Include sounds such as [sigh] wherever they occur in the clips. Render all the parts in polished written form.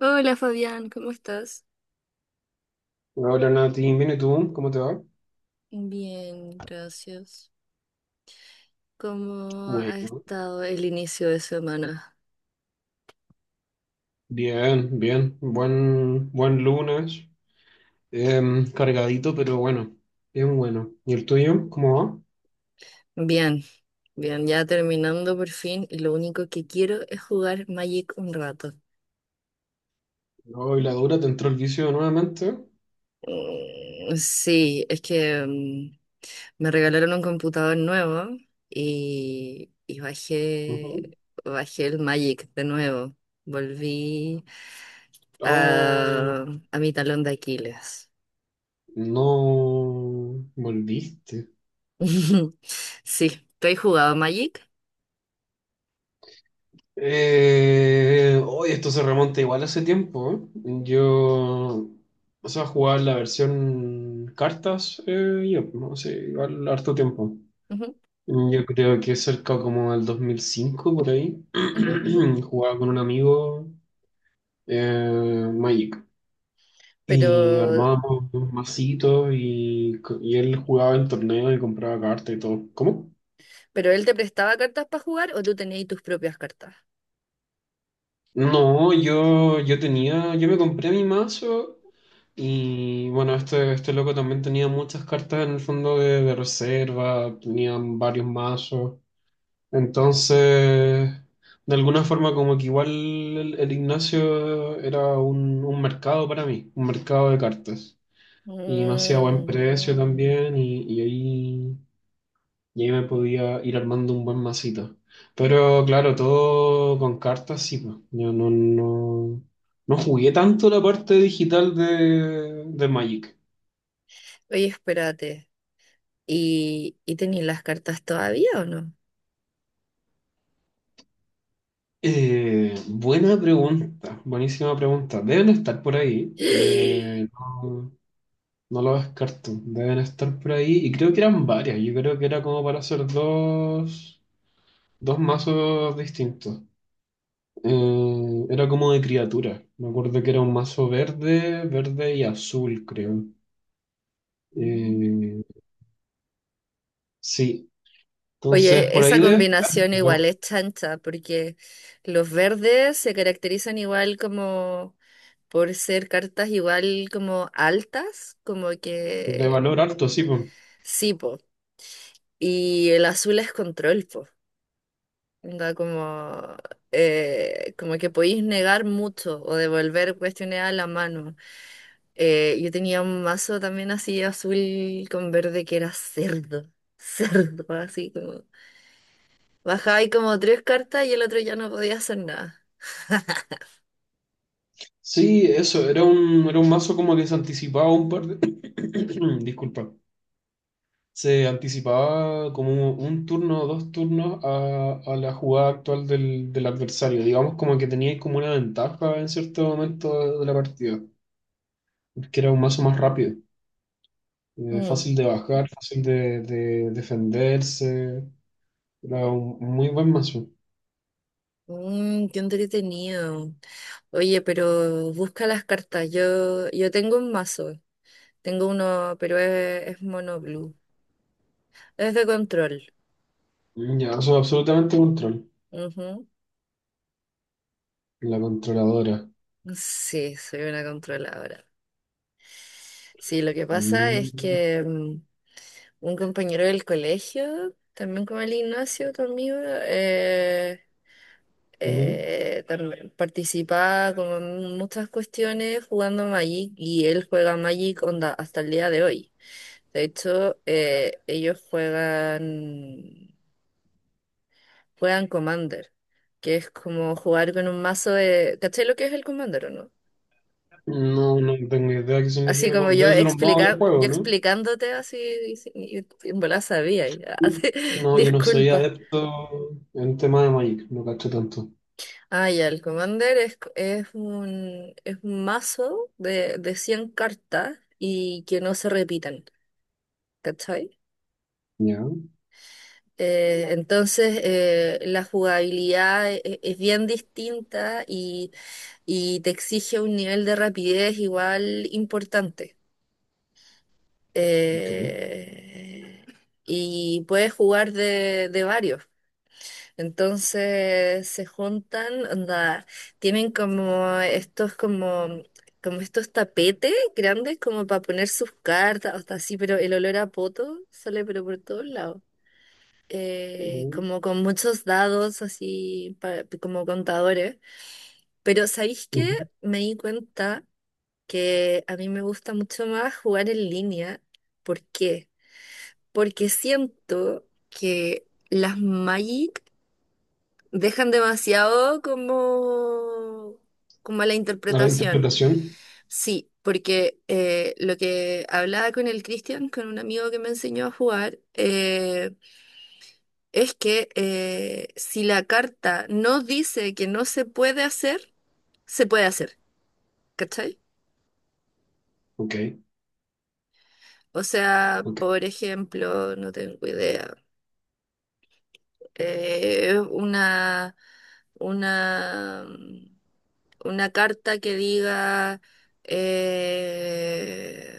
Hola Fabián, ¿cómo estás? Hola Nati, bien, ¿y tú? ¿Cómo te va? Bien, gracias. ¿Cómo ha Bueno, estado el inicio de semana? bien, bien. Buen lunes. Cargadito, pero bueno. Bien bueno. ¿Y el tuyo? ¿Cómo va? Bien, bien, ya terminando por fin y lo único que quiero es jugar Magic un rato. No, y la dura, ¿te entró el vicio nuevamente? Sí, es que me regalaron un computador nuevo y Ujú. bajé el Magic de nuevo. Volví Oh, a, a mi talón de Aquiles. no. Volviste. [laughs] Sí, tú has jugado Magic. Hoy esto se remonta igual hace tiempo, ¿eh? Yo, o sea, jugaba la versión cartas, yo, no sé, igual harto tiempo. Ujú, Yo creo que cerca como del 2005 por ahí, ujú. [clears throat] jugaba con un amigo Magic y Pero, armábamos masitos y, y él jugaba en torneo y compraba cartas y todo. ¿Cómo? pero él te prestaba cartas para jugar o tú tenías tus propias cartas. No, yo tenía, yo me compré mi mazo y bueno, este loco también tenía muchas cartas en el fondo de reserva, tenían varios mazos. Entonces, de alguna forma como que igual el Ignacio era un mercado para mí, un mercado de cartas. Y me hacía buen Mm. precio también y ahí me podía ir armando un buen masito. Pero claro, todo con cartas, sí, pues. Yo no, no, no jugué tanto la parte digital de Magic. Oye, espérate. ¿ y tenías las cartas todavía o no? Buena pregunta, buenísima pregunta. Deben estar por ahí. Eh, [gasps] no- No lo descarto, deben estar por ahí. Y creo que eran varias, yo creo que era como para hacer dos mazos distintos. Era como de criatura. Me acuerdo que era un mazo verde, verde y azul, creo. Mm. Eh, sí, entonces Oye, por esa ahí debe estar, combinación ¿no? igual es chancha, porque los verdes se caracterizan igual como por ser cartas igual como altas, como De que valor alto, sí, pues. sí, po. Y el azul es control, po. Onda como, como que podéis negar mucho o devolver cuestiones a la mano. Yo tenía un mazo también así azul con verde que era cerdo. [laughs] Cerdo, así como, bajaba y como tres cartas y el otro ya no podía hacer nada. Sí, eso, era un mazo como que se anticipaba un par de... [coughs] [clears throat] Disculpa, se anticipaba como un turno o dos turnos a la jugada actual del, del adversario. Digamos como que teníais como una ventaja en cierto momento de la partida, porque era un mazo más rápido, Mm. fácil de bajar, fácil de defenderse. Era un muy buen mazo. Mm, qué entretenido. Oye, pero busca las cartas. Yo tengo un mazo. Tengo uno, pero es mono blue. Es de control. Ya, soy absolutamente control. Ujú. La controladora. Sí, soy una controladora. Sí, lo que pasa es Mm, que un compañero del colegio, también como el Ignacio, tu amigo, ujú. También participaba como en muchas cuestiones jugando Magic y él juega Magic onda hasta el día de hoy. De hecho, ellos juegan Commander, que es como jugar con un mazo de... ¿Cachai lo que es el Commander o no? No, no tengo idea qué Así significa. como yo Debe ser un modo de juego, yo ¿no? explicándote así, y, si, y en volada sabía. [laughs] Ah, sí, No, yo no soy disculpa. adepto en tema de Magic, no cacho tanto. Ah, ya, el Commander es un mazo de 100 cartas y que no se repitan, ¿cachai? Ya, Entonces, la jugabilidad es bien distinta y te exige un nivel de rapidez igual importante. ok. Eh, y puedes jugar de varios. Entonces se juntan, onda, tienen como estos como como estos tapetes grandes como para poner sus cartas, hasta así, pero el olor a poto sale pero por todos lados. Ujú, Como con muchos dados así como contadores. Pero ¿sabéis qué? ujú. Me di cuenta que a mí me gusta mucho más jugar en línea. ¿Por qué? Porque siento que las Magic dejan demasiado como, como a la A la interpretación. interpretación. Sí, porque lo que hablaba con el Cristian, con un amigo que me enseñó a jugar, es que si la carta no dice que no se puede hacer, se puede hacer, ¿cachai? Ok, O sea, ok. por ejemplo, no tengo idea. Es una, mm, una carta que diga eh,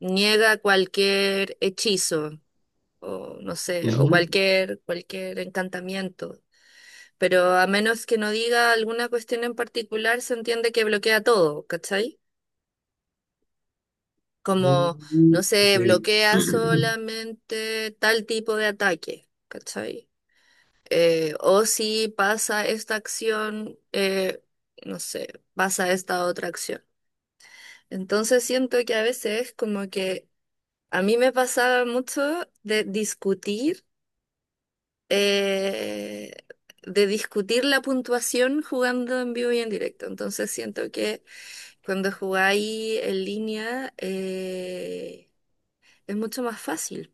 niega cualquier hechizo o no sé, o Ujú, cualquier encantamiento. Pero a menos que no diga alguna cuestión en particular, se entiende que bloquea todo, ¿cachai? Como, ujú, no ok. sé, bloquea [clears throat] solamente tal tipo de ataque, ¿cachai? O si pasa esta acción, no sé, pasa esta otra acción. Entonces siento que a veces como que a mí me pasaba mucho de eh, de discutir la puntuación jugando en vivo y en directo. Entonces siento que cuando jugáis en línea es mucho más fácil.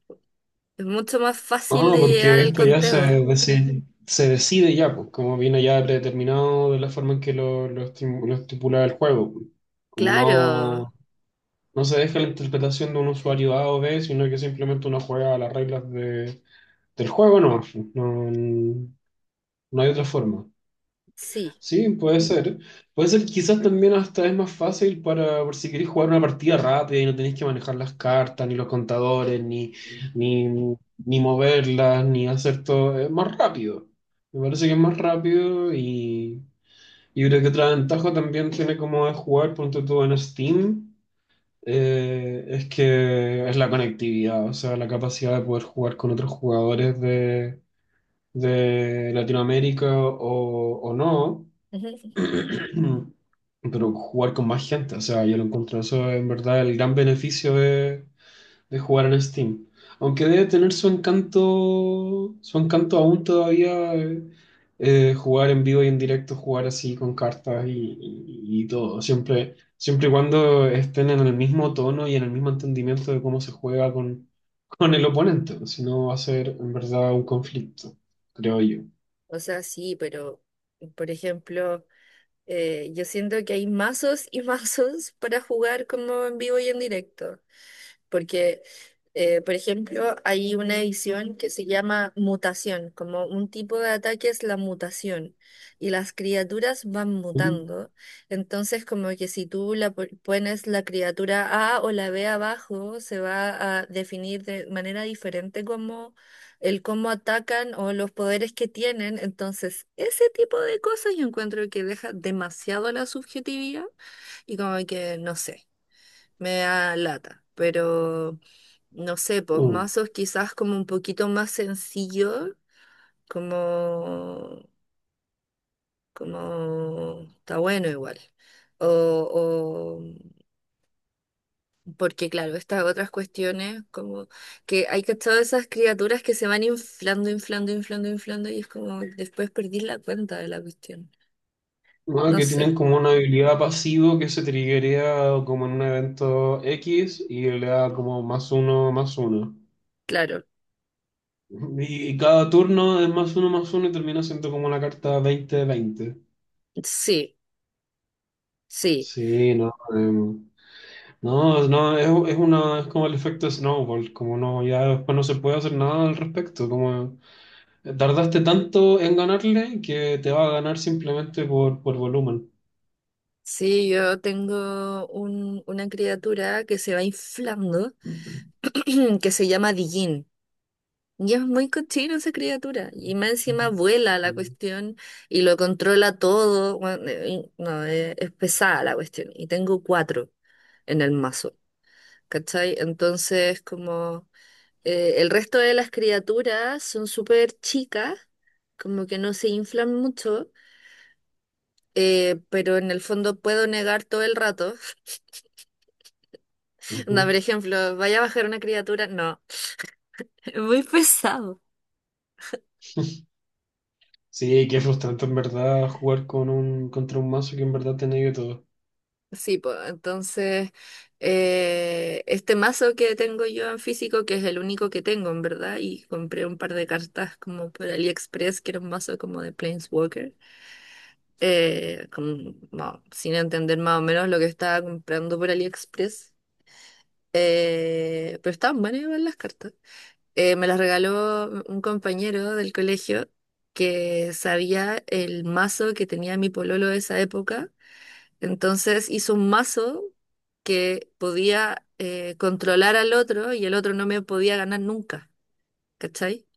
Es mucho más fácil Ah, de llegar porque al esto ya conteo. Se decide ya, pues, como viene ya predeterminado de la forma en que lo lo estipula el juego, pues. Como Claro, no, no se deja la interpretación de un usuario A o B, sino que simplemente uno juega a las reglas del juego, no, no hay otra forma. sí. Sí, puede ser. Puede ser que quizás también hasta es más fácil para, por si queréis jugar una partida rápida y no tenéis que manejar las cartas, ni los contadores, ni, ni moverlas, ni hacer todo. Es más rápido. Me parece que es más rápido y creo que otra ventaja también tiene como de jugar, ponte tú en Steam, es que es la conectividad, o sea, la capacidad de poder jugar con otros jugadores de Latinoamérica o no. [laughs] [clears throat] Pero jugar con más gente, o sea, yo lo encuentro eso en verdad el gran beneficio de jugar en Steam. Aunque debe tener su encanto aún todavía jugar en vivo y en directo, jugar así con cartas y, y todo. Siempre, siempre y cuando estén en el mismo tono y en el mismo entendimiento de cómo se juega con el oponente. Si no, va a ser en verdad un conflicto, creo yo. O sea, sí, pero por ejemplo, yo siento que hay mazos y [laughs] mazos para jugar como en vivo y en directo porque, por ejemplo, hay una edición que se llama mutación, como un tipo de ataque es la mutación, y las criaturas van Mm. mutando. Entonces, como que si tú la pones la criatura A o la B abajo, se va a definir de manera diferente como el cómo atacan o los poderes que tienen. Entonces, ese tipo de cosas yo encuentro que deja demasiado la subjetividad y como que, no sé, me da lata, pero no sé, pues Mm. mazos quizás como un poquito más sencillo, como, como está bueno igual. O, o- porque claro, estas otras cuestiones, como que hay cachado esas criaturas que se van inflando, y es como después perdí la cuenta de la cuestión. ¿No? No Que sé, tienen como una habilidad pasivo que se triggerea como en un evento X y le da como +1/+1. claro, Y cada turno es +1/+1 y termina siendo como una carta 20/20. sí, sí. Sí, no. em, no, no, Es una, es como el efecto snowball, como no, ya después no se puede hacer nada al respecto, como tardaste tanto en ganarle que te va a ganar simplemente por volumen. Sí, una criatura que se va inflando [clears throat] que se llama Dijin. Y es muy cochino esa criatura. Y más encima vuela la cuestión y lo controla todo. Bueno, y- no, es pesada la cuestión. Y tengo cuatro en el mazo. ¿Cachai? Entonces, como el resto de las criaturas son súper chicas, como que no se inflan mucho, pero en el fondo puedo negar todo el rato. [laughs] Onda, Ujú. por ejemplo, vaya a bajar una criatura, no, [laughs] es muy pesado. [laughs] Sí, qué frustrante en verdad jugar con un, contra un mazo que en verdad te negue todo. Sí, pues entonces este mazo que tengo yo en físico, que es el único que tengo en verdad, y compré un par de cartas como por AliExpress, que era un mazo como de Planeswalker, como, no, sin entender más o menos lo que estaba comprando por AliExpress, pero estaban buenas igual las cartas. Me las regaló un compañero del colegio que sabía el mazo que tenía mi pololo de esa época, entonces hizo un mazo que podía controlar al otro y el otro no me podía ganar nunca, ¿cachai?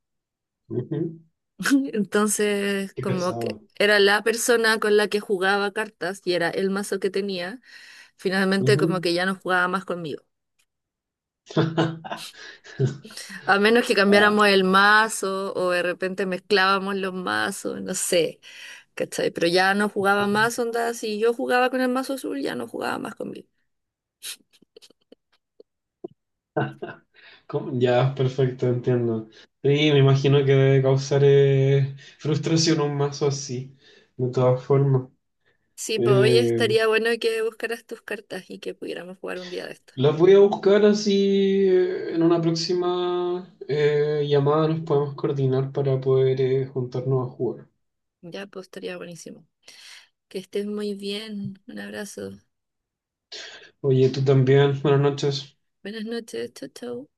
Ujú. [laughs] Entonces, Qué como que pesado. era la persona con la que jugaba cartas y era el mazo que tenía, finalmente como Ujú. que ya no jugaba más conmigo. [laughs] A menos que Ah, cambiáramos el mazo o de repente mezclábamos los mazos, no sé, ¿cachai? Pero ya no jugaba más, onda, si yo jugaba con el mazo azul, ya no jugaba más conmigo. ¿cómo? Ya, perfecto, entiendo. Sí, me imagino que debe causar frustración un mazo así, de todas formas. Sí, pues hoy Eh, estaría bueno que buscaras tus cartas y que pudiéramos jugar un día de esto. las voy a buscar así en una próxima llamada, nos podemos coordinar para poder juntarnos a jugar. Ya, pues estaría buenísimo. Que estés muy bien. Un abrazo. Oye, tú también, buenas noches. Buenas noches. Chau, chau.